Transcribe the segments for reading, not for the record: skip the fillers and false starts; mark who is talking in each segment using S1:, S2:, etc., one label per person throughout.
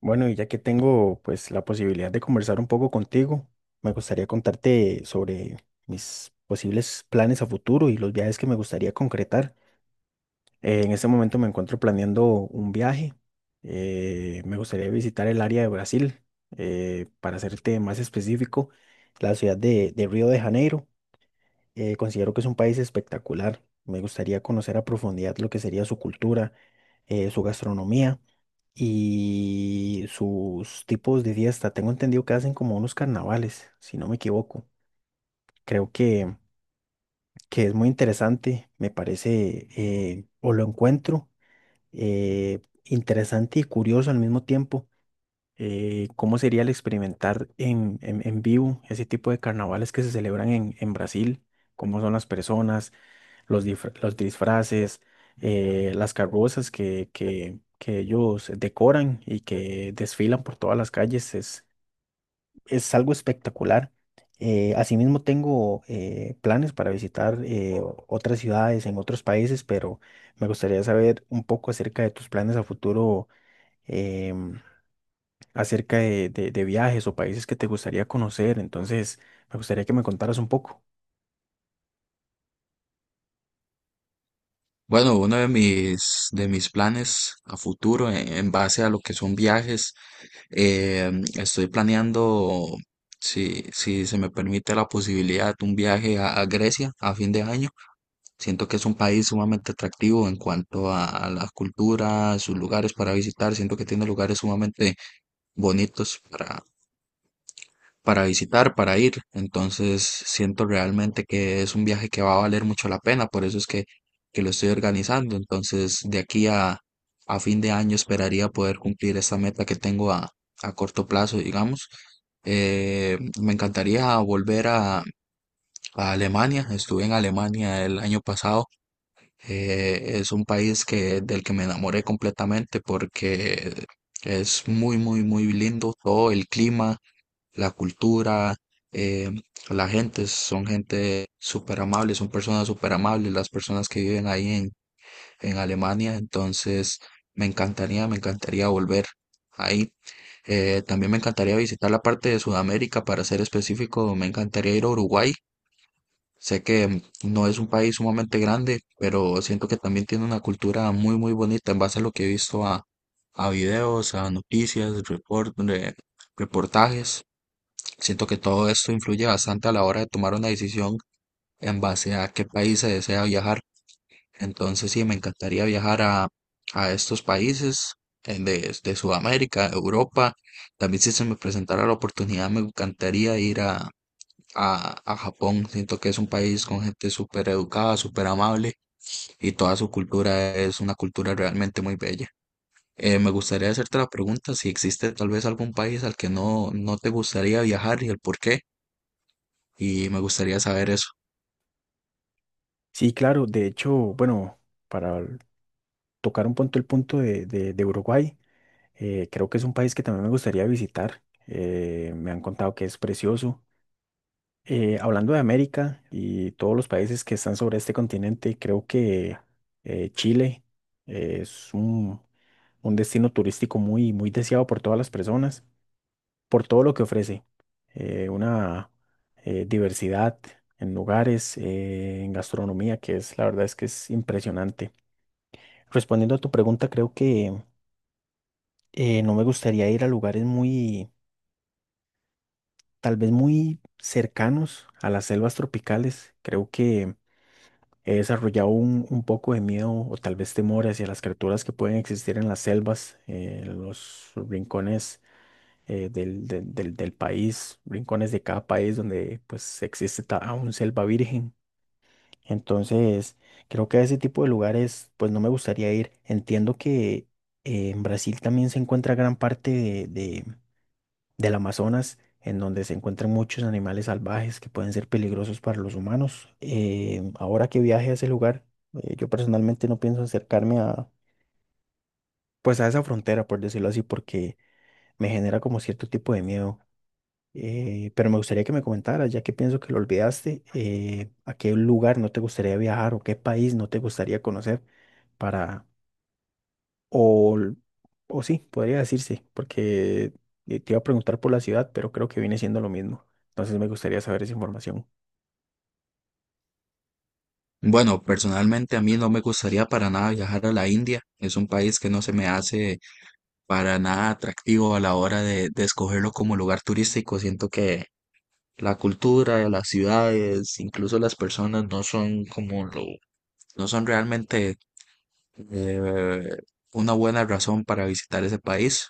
S1: Bueno, y ya que tengo pues la posibilidad de conversar un poco contigo, me gustaría contarte sobre mis posibles planes a futuro y los viajes que me gustaría concretar. En este momento me encuentro planeando un viaje. Me gustaría visitar el área de Brasil, para serte más específico, la ciudad de Río de Janeiro. Considero que es un país espectacular. Me gustaría conocer a profundidad lo que sería su cultura, su gastronomía y sus tipos de fiesta. Tengo entendido que hacen como unos carnavales, si no me equivoco. Creo que, que es muy interesante, me parece, o lo encuentro interesante y curioso al mismo tiempo. ¿Cómo sería el experimentar en vivo ese tipo de carnavales que se celebran en Brasil? ¿Cómo son las personas? Los disfraces, las carrozas que ellos decoran y que desfilan por todas las calles, es algo espectacular. Asimismo, tengo planes para visitar otras ciudades en otros países, pero me gustaría saber un poco acerca de tus planes a futuro, em, acerca de, de viajes o países que te gustaría conocer. Entonces, me gustaría que me contaras un poco.
S2: Bueno, uno de mis planes a futuro en base a lo que son viajes, estoy planeando, si se me permite la posibilidad, un viaje a Grecia a fin de año. Siento que es un país sumamente atractivo en cuanto a la cultura, sus lugares para visitar. Siento que tiene lugares sumamente bonitos para visitar, para ir. Entonces siento realmente que es un viaje que va a valer mucho la pena, por eso es que lo estoy organizando. Entonces de aquí a fin de año esperaría poder cumplir esa meta que tengo a corto plazo, digamos. Me encantaría volver a Alemania. Estuve en Alemania el año pasado. Es un país que, del que me enamoré completamente porque es muy, muy, muy lindo. Todo el clima, la cultura, eh, la gente, son gente súper amable, son personas súper amables las personas que viven ahí en Alemania. Entonces me encantaría volver ahí. También me encantaría visitar la parte de Sudamérica. Para ser específico, me encantaría ir a Uruguay. Sé que no es un país sumamente grande, pero siento que también tiene una cultura muy, muy bonita en base a lo que he visto a videos, a noticias, reportajes. Siento que todo esto influye bastante a la hora de tomar una decisión en base a qué país se desea viajar. Entonces, sí, me encantaría viajar a estos países, de Sudamérica, Europa. También, si se me presentara la oportunidad, me encantaría ir a Japón. Siento que es un país con gente súper educada, súper amable y toda su cultura es una cultura realmente muy bella. Me gustaría hacerte la pregunta si existe tal vez algún país al que no te gustaría viajar y el por qué, y me gustaría saber eso.
S1: Sí, claro, de hecho, bueno, para tocar un punto el punto de Uruguay. Creo que es un país que también me gustaría visitar. Me han contado que es precioso. Hablando de América y todos los países que están sobre este continente, creo que Chile es un destino turístico muy, muy deseado por todas las personas, por todo lo que ofrece. Una diversidad en lugares, en gastronomía, que es la verdad es que es impresionante. Respondiendo a tu pregunta, creo que no me gustaría ir a lugares muy, tal vez muy cercanos a las selvas tropicales. Creo que he desarrollado un poco de miedo o tal vez temor hacia las criaturas que pueden existir en las selvas, en los rincones del país, rincones de cada país donde pues existe aún selva virgen. Entonces, creo que a ese tipo de lugares pues no me gustaría ir. Entiendo que en Brasil también se encuentra gran parte de del Amazonas, en donde se encuentran muchos animales salvajes que pueden ser peligrosos para los humanos. Ahora que viaje a ese lugar, yo personalmente no pienso pues a esa frontera, por decirlo así, porque me genera como cierto tipo de miedo. Pero me gustaría que me comentaras, ya que pienso que lo olvidaste, a qué lugar no te gustaría viajar o qué país no te gustaría conocer para O, o sí, podría decirse, porque te iba a preguntar por la ciudad, pero creo que viene siendo lo mismo. Entonces me gustaría saber esa información.
S2: Bueno, personalmente a mí no me gustaría para nada viajar a la India. Es un país que no se me hace para nada atractivo a la hora de escogerlo como lugar turístico. Siento que la cultura, las ciudades, incluso las personas no son como no son realmente, eh, una buena razón para visitar ese país.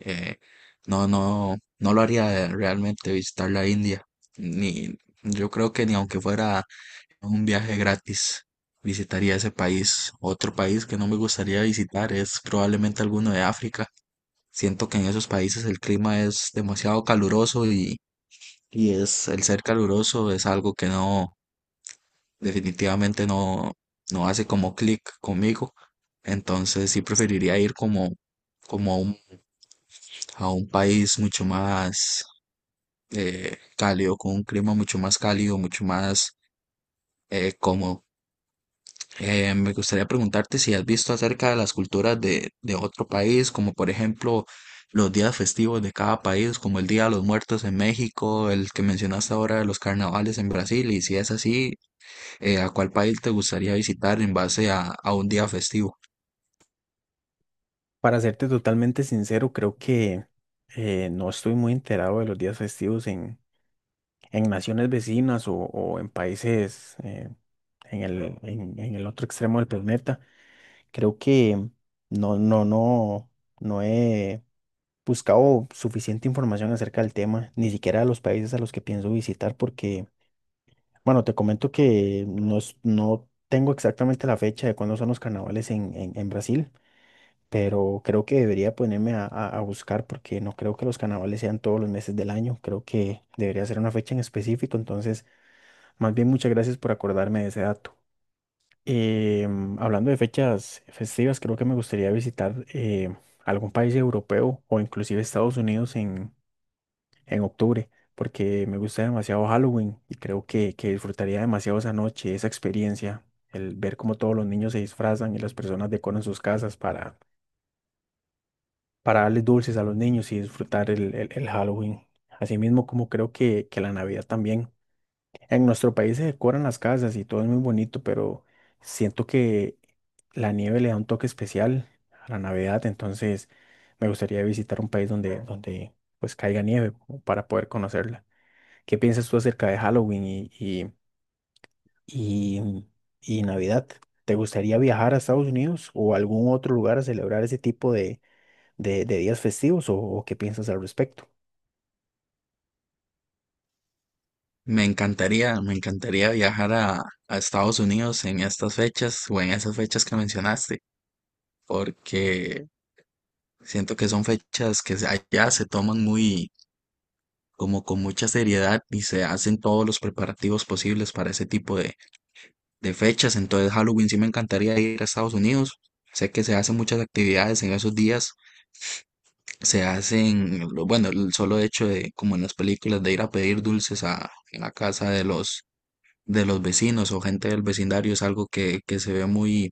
S2: Eh, no, no lo haría realmente, visitar la India. Ni, yo creo que ni aunque fuera un viaje gratis visitaría ese país. Otro país que no me gustaría visitar es probablemente alguno de África. Siento que en esos países el clima es demasiado caluroso, y es, el ser caluroso es algo que definitivamente no, no hace como clic conmigo. Entonces sí preferiría ir como a a un país mucho más cálido, con un clima mucho más cálido, mucho más cómodo. Me gustaría preguntarte si has visto acerca de las culturas de otro país, como por ejemplo los días festivos de cada país, como el Día de los Muertos en México, el que mencionaste ahora de los carnavales en Brasil, y si es así, ¿a cuál país te gustaría visitar en base a un día festivo?
S1: Para serte totalmente sincero, creo que no estoy muy enterado de los días festivos en naciones vecinas o en países en en el otro extremo del planeta. Creo que no, no, no, no he buscado suficiente información acerca del tema, ni siquiera de los países a los que pienso visitar, porque bueno, te comento que no tengo exactamente la fecha de cuándo son los carnavales en Brasil, pero creo que debería ponerme a buscar porque no creo que los carnavales sean todos los meses del año. Creo que debería ser una fecha en específico. Entonces, más bien muchas gracias por acordarme de ese dato. Em, hablando de fechas festivas, creo que me gustaría visitar algún país europeo o inclusive Estados Unidos en octubre, porque me gusta demasiado Halloween y creo que disfrutaría demasiado esa noche, esa experiencia, el ver cómo todos los niños se disfrazan y las personas decoran sus casas para darles dulces a los niños y disfrutar el Halloween. Asimismo, como creo que la Navidad también. En nuestro país se decoran las casas y todo es muy bonito, pero siento que la nieve le da un toque especial a la Navidad, entonces me gustaría visitar un país donde pues caiga nieve como para poder conocerla. ¿Qué piensas tú acerca de Halloween y- y Navidad? ¿Te gustaría viajar a Estados Unidos o a algún otro lugar a celebrar ese tipo de días festivos o qué piensas al respecto?
S2: Me encantaría viajar a Estados Unidos en estas fechas o en esas fechas que mencionaste, porque siento que son fechas que allá se toman muy como con mucha seriedad y se hacen todos los preparativos posibles para ese tipo de fechas. Entonces, Halloween, sí me encantaría ir a Estados Unidos. Sé que se hacen muchas actividades en esos días. Se hacen, bueno, el solo hecho de, como en las películas, de ir a pedir dulces en la casa de de los vecinos o gente del vecindario, es algo que se ve muy,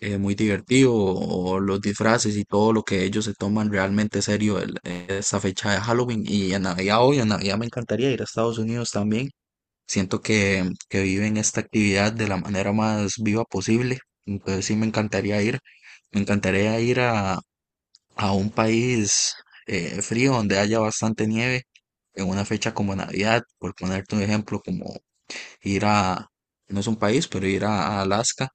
S2: muy divertido. O los disfraces y todo lo que ellos se toman realmente serio, esa fecha de Halloween. Y en Navidad hoy, en Navidad me encantaría ir a Estados Unidos también. Siento que viven esta actividad de la manera más viva posible. Entonces sí me encantaría ir. Me encantaría ir a un país frío donde haya bastante nieve en una fecha como Navidad, por ponerte un ejemplo, como ir a, no es un país, pero ir a Alaska.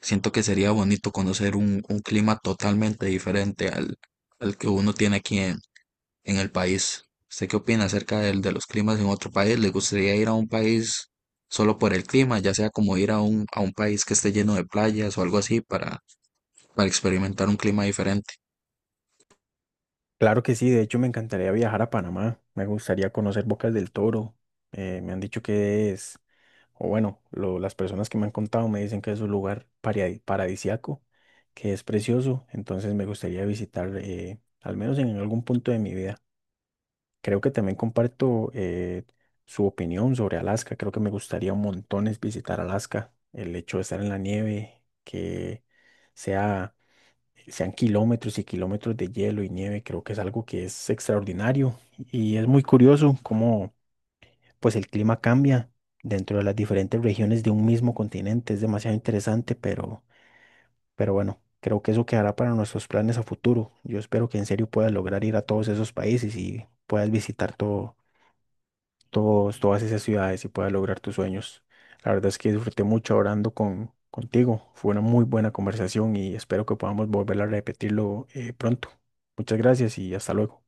S2: Siento que sería bonito conocer un clima totalmente diferente al que uno tiene aquí en el país. ¿Usted qué opina acerca de los climas en otro país? ¿Le gustaría ir a un país solo por el clima, ya sea como ir a a un país que esté lleno de playas o algo así para experimentar un clima diferente?
S1: Claro que sí, de hecho me encantaría viajar a Panamá, me gustaría conocer Bocas del Toro, me han dicho que es, o bueno, las personas que me han contado me dicen que es un lugar paradisiaco, que es precioso, entonces me gustaría visitar al menos en algún punto de mi vida. Creo que también comparto su opinión sobre Alaska. Creo que me gustaría un montón es visitar Alaska. El hecho de estar en la nieve, que sea, sean kilómetros y kilómetros de hielo y nieve, creo que es algo que es extraordinario. Y es muy curioso cómo pues el clima cambia dentro de las diferentes regiones de un mismo continente. Es demasiado interesante, pero bueno, creo que eso quedará para nuestros planes a futuro. Yo espero que en serio puedas lograr ir a todos esos países y puedas visitar todos, todas esas ciudades y puedas lograr tus sueños. La verdad es que disfruté mucho orando contigo. Fue una muy buena conversación y espero que podamos volver a repetirlo pronto. Muchas gracias y hasta luego.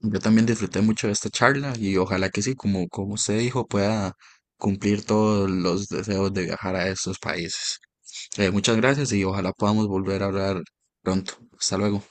S2: Yo también disfruté mucho de esta charla y ojalá que sí, como, como usted dijo, pueda cumplir todos los deseos de viajar a estos países. Muchas gracias y ojalá podamos volver a hablar pronto. Hasta luego.